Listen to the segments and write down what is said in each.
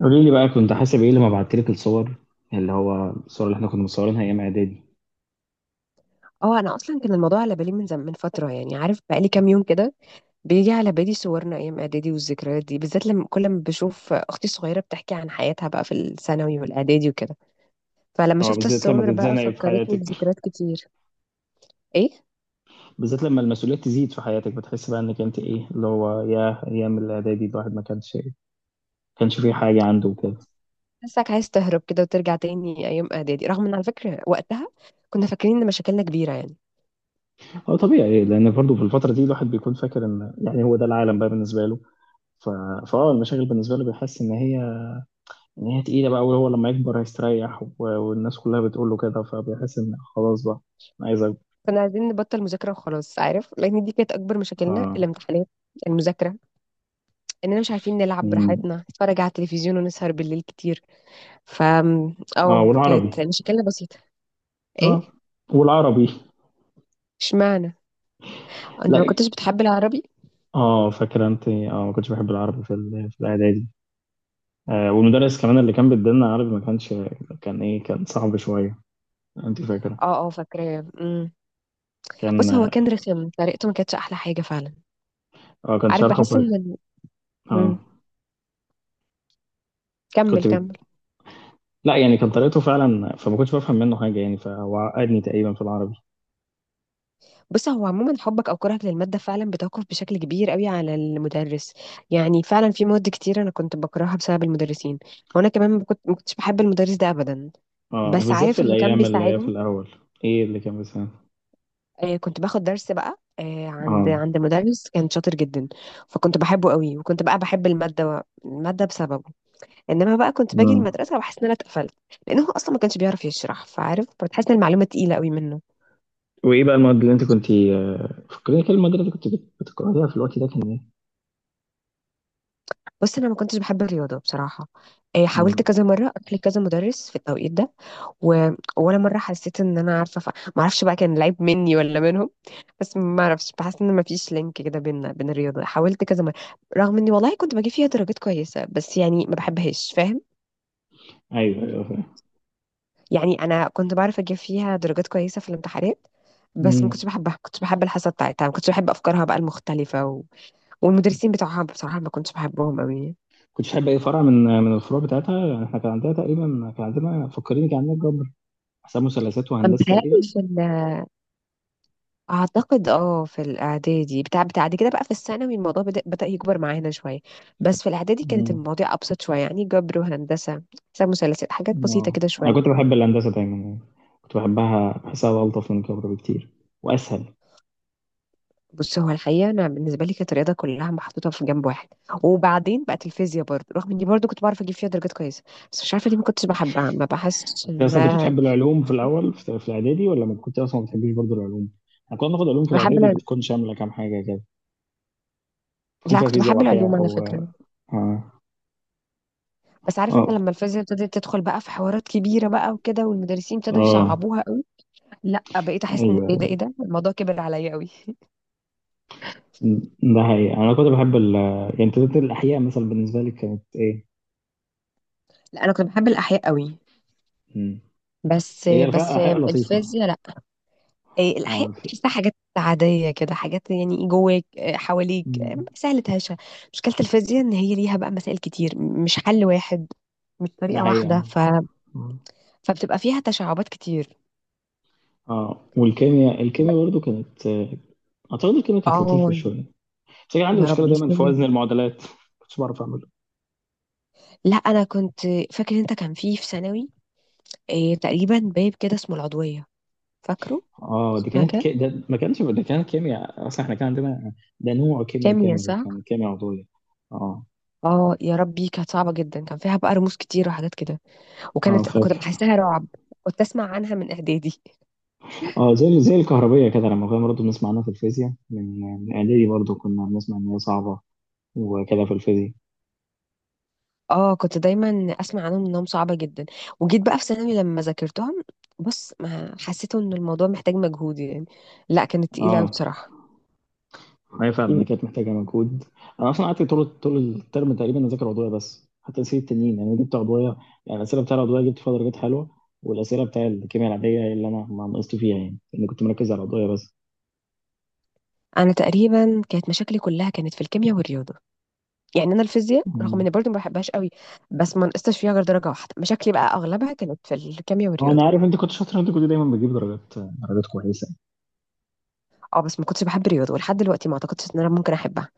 قولي لي بقى، كنت حاسب ايه لما بعت لك الصور؟ يعني اللي هو الصور اللي احنا كنا مصورينها ايام اعدادي. اه، انا اصلا كان الموضوع على بالي من فتره، يعني عارف بقالي كام يوم كده. بيجي على بالي صورنا ايام اعدادي والذكريات دي، بالذات لما كل ما بشوف اختي الصغيره بتحكي عن حياتها بقى في الثانوي والاعدادي وكده. فلما اه، شفت بالذات لما الصور بقى تتزنقي في فكرتني حياتك. بذكريات كتير. ايه. بالذات لما المسؤوليات تزيد في حياتك بتحس بقى انك انت ايه اللي هو، يا ايام الاعدادي الواحد ما كانش فيه حاجه عنده وكده. حاسك عايز تهرب كده وترجع تاني ايام اعدادي، رغم ان على فكره وقتها كنا فاكرين ان مشاكلنا كبيره يعني. هو طبيعي لان برضه في الفتره دي الواحد بيكون فاكر ان يعني هو ده العالم بقى بالنسبه له. ف... المشاغل بالنسبه له بيحس ان هي، ان هي تقيله بقى، وهو لما يكبر هيستريح والناس كلها بتقول له كده، فبيحس ان خلاص بقى أنا عايز اكبر. كنا عايزين نبطل مذاكره وخلاص، عارف، لان دي كانت اكبر ف... مشاكلنا، الامتحانات. المذاكره. اننا مش عارفين نلعب مم. براحتنا، نتفرج على التلفزيون، ونسهر بالليل كتير. ف اه، اه، والعربي. كانت مشكلة بسيطة. ايه. اه، والعربي. اشمعنى. انت لا، ما كنتش بتحب العربي. اه فاكر، انت اه، ما كنتش بحب العربي في الاعدادي. آه، والمدرس كمان اللي كان بيدينا عربي ما كانش، كان ايه، كان صعب شويه. انت فاكره؟ اه اه، فاكراه. بص، كان، هو كان رخم، طريقته ما كانتش احلى حاجة فعلا. اه كان عارف، شرحه بحس ان أمم. اه، كمل كنت كمل. بت... لا، يعني كان طريقته فعلا، فما كنتش بفهم منه حاجه يعني، فهو عقدني تقريبا في العربي. بص، هو عموما حبك او كرهك للمادة فعلا بتوقف بشكل كبير قوي على المدرس. يعني فعلا في مواد كتير انا كنت بكرهها بسبب المدرسين. وانا كمان ما كنتش بحب المدرس ده ابدا. اه، بس وبالذات في عارف اللي كان الايام اللي هي في بيساعدني؟ الاول. ايه اللي كان بيسمع؟ آه، كنت باخد درس بقى آه، عند اه. عند مدرس كان شاطر جدا. فكنت بحبه قوي، وكنت بقى بحب المادة بسببه. انما بقى كنت باجي مم. المدرسة بحس ان انا اتقفلت، لانه هو اصلا ما كانش بيعرف يشرح، فعارف، فبتحس ان المعلومة تقيلة قوي منه. وايه بقى المواد اللي انت كنت، آه، فكرني كده، المواد اللي انت كنت بتكرهيها في الوقت ده كان ايه؟ بص، انا ما كنتش بحب الرياضة بصراحة. آه، حاولت مم. كذا مرة اروح لكذا مدرس في التوقيت ده و... ولا مره حسيت ان انا عارفه. ما اعرفش بقى كان العيب مني ولا منهم. بس ما اعرفش، بحس ان ما فيش لينك كده بين الرياضه. حاولت كذا مره، رغم اني والله كنت بجيب فيها درجات كويسه، بس يعني ما بحبهاش، فاهم؟ ايوه ايوه، فاهم. يعني انا كنت بعرف اجيب فيها درجات كويسه في الامتحانات، بس ما مم. كنتش بحبها. كنت بحب الحصه بتاعتها، ما كنتش بحب افكارها بقى المختلفه والمدرسين بتوعها بصراحه ما كنتش بحبهم قوي. كنتش بحب اي فرع من الفروع بتاعتها؟ يعني احنا كان عندنا تقريبا، كان عندنا، فكريني، كان عندنا جبر، حساب مثلثات انا وهندسه بتهيألي تقريبا. في اعتقد اه في الاعدادي بتاع بعد كده بقى في الثانوي الموضوع بدأ يكبر معانا شويه. بس في الاعدادي كانت امم. المواضيع ابسط شويه، يعني جبر وهندسه، حساب مثلثات، حاجات بسيطه اه، كده انا كنت شويه. بحب الهندسه دايما يعني، كنت بحبها، بحسها الطف من الجبر بكتير، واسهل. بص، هو الحقيقه انا بالنسبه لي كانت الرياضه كلها محطوطه في جنب واحد. وبعدين بقت الفيزياء برضه، رغم اني برضه كنت بعرف اجيب فيها درجات كويسه، بس مش عارفه، دي ما كنتش بحبها، ما بحسش انت اصلا كنت انها. بتحب العلوم في كنت الاول، في في الاعدادي، ولا ما كنت اصلا ما بتحبيش برضه العلوم؟ احنا كنا بناخد علوم في بحب الاعدادي الع- بتكون شامله كام حاجه كده، بتكون لا، فيها كنت فيزياء بحب العلوم واحياء على و... فكره. اه. بس عارف انت، اه. لما الفيزياء ابتدت تدخل بقى في حوارات كبيره بقى وكده، والمدرسين ابتدوا اه. يصعبوها، لا، بقيت احس ان ايه ده، ايه ايوه، ده الموضوع كبر عليا قوي. ده حقيقي، انا كنت بحب ال، يعني تلاتة، الاحياء مثلا بالنسبه لي كانت. لا، انا كنت بحب الاحياء قوي، ايه؟ بس هي الفرق بس حقيقة لطيفة. الفيزياء لا. إيه، اه الاحياء الف... بحسها حاجات عاديه كده، حاجات يعني جواك إيه، حواليك إيه، مم. سهله هشه. مشكله الفيزياء ان هي ليها بقى مسائل كتير، مش حل واحد، مش ده طريقه حقيقة، واحده اه. ف... مم. فبتبقى فيها تشعبات كتير. اه، والكيمياء، الكيمياء برضو كانت، اعتقد الكيمياء كانت لطيفة اه، شوية، بس كان عندي يا مشكلة رب دايما في يسلمك. وزن المعادلات. كنتش بعرف اعمله. لا، انا كنت. فاكر انت كان فيه في ثانوي إيه، تقريبا باب كده اسمه العضويه، فاكره؟ اه، دي اسمها كانت كده. ده ما كانش، ده كانت كيمياء، اصلا احنا كان عندنا، ده نوع كيمياء كيميا كامل، صح. كان كيمياء عضوية. اه. اه، يا ربي، كانت صعبة جدا. كان فيها بقى رموز كتير وحاجات كده، اه وكانت كنت فاكر. بحسها رعب. كنت اسمع عنها من اعدادي. اه، زي زي الكهربية كده، لما كنا برضه بنسمع عنها في الفيزياء من اعدادي، برضه كنا بنسمع ان هي صعبة وكده، في الفيزياء. اه، كنت دايما اسمع عنهم انهم صعبة جدا، وجيت بقى في ثانوي لما ذاكرتهم. بص، ما حسيت ان الموضوع محتاج مجهود يعني، لا، كانت تقيلة قوي اه، بصراحة. ما هي فعلا هي كانت محتاجه مجهود. انا اصلا قعدت طول الترم تقريبا اذاكر عضويه بس، حتى اسئله التنين يعني جبت عضويه، يعني الاسئله بتاع العضويه جبت فيها درجات حلوه، والاسئله بتاع الكيمياء العاديه هي اللي انا ما نقصت فيها يعني، لاني كنت مركز على العضويه بس. انا تقريبا كانت مشاكلي كلها كانت في الكيمياء والرياضة. يعني انا الفيزياء رغم مم. اني برضو ما بحبهاش قوي، بس ما نقصتش فيها غير درجة واحدة. مشاكلي بقى اغلبها كانت في الكيمياء هو انا والرياضة. عارف انت كنت شاطر، انت كنت دايما بتجيب درجات كويسه. اه، بس ما كنتش بحب الرياضه ولحد دلوقتي ما اعتقدش ان انا ممكن احبها.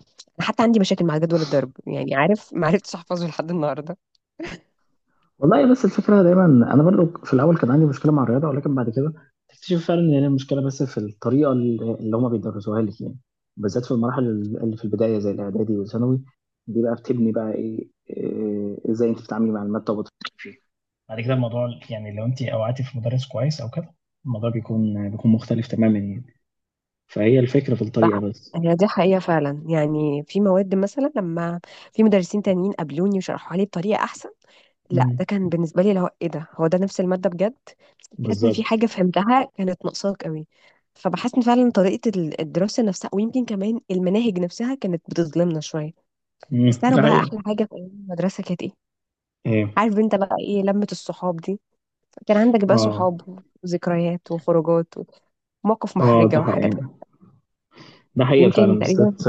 انا حتى عندي مشاكل مع جدول الضرب، يعني عارف، ما عرفتش احفظه لحد النهارده. والله، بس الفكرة دايما، أنا برضو في الأول كان عندي مشكلة مع الرياضة، ولكن بعد كده تكتشف فعلا إن هي المشكلة بس في الطريقة اللي هما بيدرسوها لك يعني، بالذات في المراحل اللي في البداية زي الإعدادي والثانوي، دي بقى بتبني بقى إيه، إزاي أنت بتتعاملي مع المادة وبتفكري فيها. بعد كده الموضوع يعني، لو انت اوعتي في مدرس كويس او كده، الموضوع بيكون مختلف تماما يعني، فهي الفكرة في الطريقة بح- بس. هي دي حقيقه فعلا، يعني في مواد مثلا لما في مدرسين تانيين قابلوني وشرحوها لي بطريقه احسن، لا، امم. ده كان بالنسبه لي اللي هو ايه ده، هو ده نفس الماده بجد. بحس ان في بالظبط. حاجه فهمتها كانت ناقصاك قوي. فبحس ان فعلا طريقه الدراسه نفسها، ويمكن كمان المناهج نفسها كانت بتظلمنا شويه. مم، بس تعرف ده بقى حقيقي. احلى حاجه في ايام المدرسه كانت ايه؟ إيه. عارف انت بقى ايه؟ لمه الصحاب دي. كان عندك بقى اه. صحاب وذكريات وخروجات ومواقف اه، ده محرجة وحاجات. حقيقي، ده حقيقة فعلا، يمكن تقريبا. بالذات،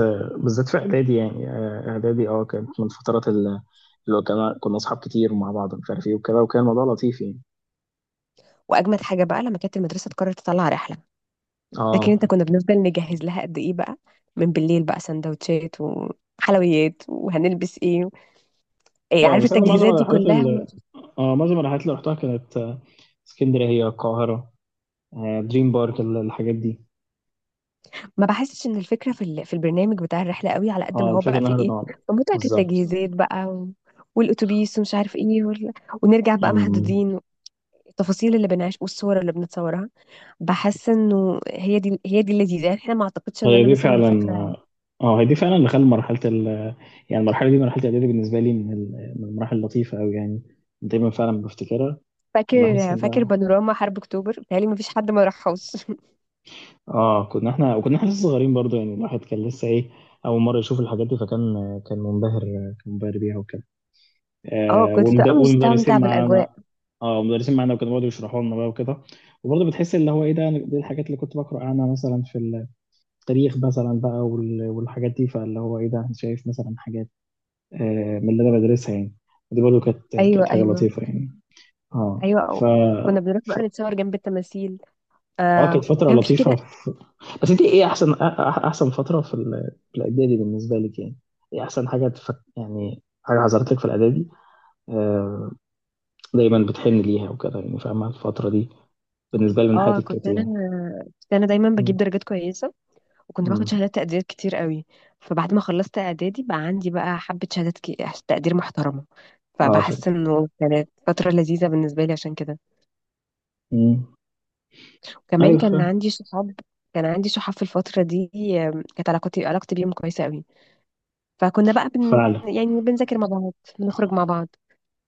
بالذات في إعدادي يعني. آه، إعدادي، أه كانت من الفترات اللي كنا أصحاب كتير ومع بعض، مش عارف إيه وكده، وكان الموضوع لطيف يعني. وأجمد حاجة بقى لما كانت المدرسة تقرر تطلع رحلة. فاكر أه. انت كنا بنفضل نجهز لها قد ايه بقى، من بالليل بقى، سندوتشات وحلويات وهنلبس ايه، ايه، أه، عارف بس أنا معظم التجهيزات دي الرحلات كلها. اللي، أه معظم الرحلات اللي رحتها كانت، آه، اسكندرية، القاهرة، آه، دريم بارك، الحاجات دي. ما بحسش ان الفكرة في في البرنامج بتاع الرحلة قوي، على قد ما أه، هو الفكرة بقى في إنها ايه، نقعد. في متعة بالظبط. التجهيزات بقى والأتوبيس ومش عارف ايه. ونرجع بقى أمم. مهدودين. التفاصيل اللي بنعيش والصور اللي بنتصورها، بحس انه هي دي اللذيذه، يعني احنا ما اعتقدش ان هي انا دي مثلا فعلا، فاكره. أه. آه، هي دي فعلا اللي خلى مرحلة ال، يعني المرحلة دي، مرحلة إعدادي بالنسبة لي من المراحل اللطيفة أوي يعني. دايما فعلا بفتكرها. وبحس فاكر إن فاكر ده، بانوراما حرب اكتوبر، بتهيألي ما فيش حد ما راحوش. اه كنا احنا، وكنا احنا لسه صغيرين برضه يعني، الواحد كان لسه ايه، اول مره يشوف الحاجات دي، فكان، كان منبهر بيها وكده. اه، آه، كنت بتبقى مستمتع والمدرسين بالاجواء. معانا. اه، المدرسين معانا وكانوا بيقعدوا يشرحوا لنا بقى وكده. وبرضه بتحس اللي هو ايه ده، دي الحاجات اللي كنت بقرا عنها مثلا في التاريخ مثلا بقى، والحاجات دي، فاللي هو ايه ده، أنا شايف مثلا حاجات، آه، من اللي انا بدرسها يعني، دي برضه كانت ايوه كانت حاجه ايوه. لطيفه يعني. اه. ف، ايوه، كنا بنروح بقى نتصور جنب التماثيل. اه آه، كانت فترة وكان في لطيفة كده. بس انت ايه احسن احسن فترة في الاعدادي بالنسبة لك يعني؟ ايه احسن حاجة يعني حاجة حصلت لك في الاعدادي، آه، دايما بتحن ليها وكده يعني، فاهمة الفترة دي بالنسبة لي من اه، حياتك كنت كانت انا. ايه؟ كنت انا دايما مم. بجيب درجات كويسه، وكنت باخد مم. شهادات تقدير كتير قوي. فبعد ما خلصت اعدادي بقى عندي بقى حبه تقدير محترمه. اه فبحس فاكر. انه كانت فتره لذيذه بالنسبه لي عشان كده. مم. كمان ايوه كان عندي صحاب. كان عندي صحاب في الفترة دي. آم، كانت علاقتي بيهم كويسة قوي. فكنا بقى فعلا. يعني بنذاكر مع بعض، بنخرج مع بعض.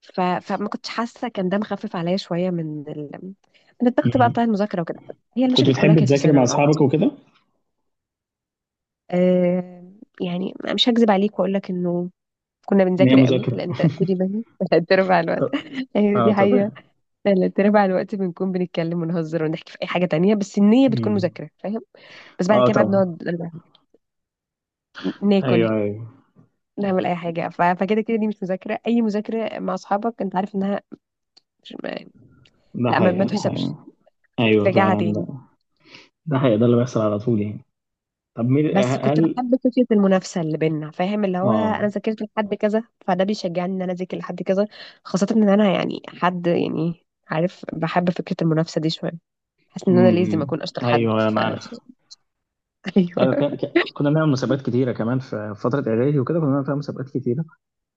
فما كنتش حاسة، كان ده مخفف عليا شوية من الضغط بقى بتاع مم. المذاكرة وكده. هي كنت المشاكل كلها بتحب كانت في تذاكر مع ثانوي اصحابك أعتقد. وكده؟ أه... يعني مش هكذب عليك وأقول لك إنه كنا ان هي بنذاكر قوي، مذاكرة. لأن تلات أرباع الوقت. ط- أيوة اه دي حقيقة. طبعا. تلات أرباع الوقت بنكون بنتكلم ونهزر ونحكي في أي حاجة تانية، بس النية بتكون مم. مذاكرة، فاهم. بس بعد اه كده بقى طبعا. بنقعد ناكل، ايوه ايوه. نعمل اي حاجه، فكده كده دي مش مذاكره. اي مذاكره مع اصحابك انت عارف انها مش ما- ده لا، ما حقيقة، ده تحسبش حقيقة. انك ايوه تراجعها فعلا، ده، تاني. ده حقيقة، ده اللي بيحصل على طول يعني. طب مين بس كنت هل؟ بحب فكره المنافسه اللي بينا، فاهم، اللي هو انا اه. ذاكرت لحد كذا، فده بيشجعني ان انا اذاكر لحد كذا. خاصه ان انا يعني حد، يعني عارف، بحب فكره المنافسه دي شويه. حاسس ان انا لازم امم. اكون اشطر حد ايوه انا عارف. ايوه ايوه كان، كنا بنعمل مسابقات كتيره كمان في، في فتره اعدادي وكده، كنا بنعمل فيها مسابقات كتيره.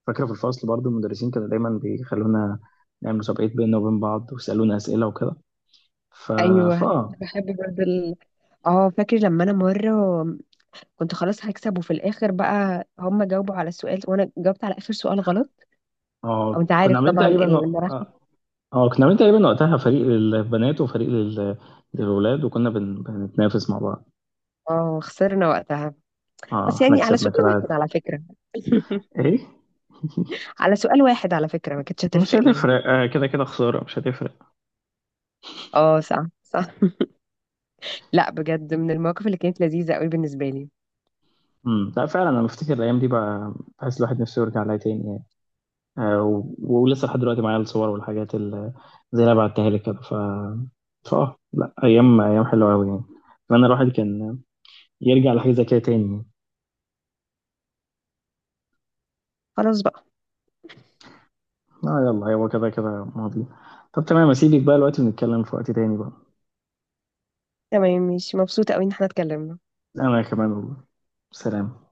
فاكره في الفصل برضو المدرسين كانوا دايما بيخلونا نعمل مسابقات بيننا وبين بعض، ويسالونا اسئله وكده. ف، فا، ايوه. كنت اه، بحب برضه اه، فاكر لما انا مره كنت خلاص هكسب، وفي الاخر بقى هم جاوبوا على السؤال، وانا جاوبت على اخر سؤال غلط. او آه، انت كنا عارف عاملين طبعا تقريبا، اه، المراحل. آه، كنا عاملين تقريبا وقتها فريق للبنات وفريق للولاد، بنتنافس مع بعض. اه، خسرنا وقتها. اه بس احنا يعني على كسبنا سؤال كده عادي. واحد على فكرة. ايه. على سؤال واحد على فكرة، ما كانتش مش هتفرق يعني. هتفرق، آه كده كده خساره، مش هتفرق. اه صح صح. لا، بجد من المواقف اللي كانت لذيذة قوي بالنسبة لي. امم. لا فعلا انا بفتكر الايام دي بقى، بحس الواحد نفسه يرجع لها تاني يعني. آه ولسه لحد دلوقتي معايا الصور والحاجات اللي، زي اللي أنا بعتها لك كده. ف، لا، ايام، ايام حلوه قوي يعني، اتمنى الواحد كان يرجع لحاجه زي كده تاني يعني. خلاص بقى. اه يلا، هو كده كده ماضي. طب تمام، اسيبك بقى دلوقتي ونتكلم في وقت تاني بقى. تمام، مش مبسوطة قوي ان احنا اتكلمنا. انا كمان والله، سلام.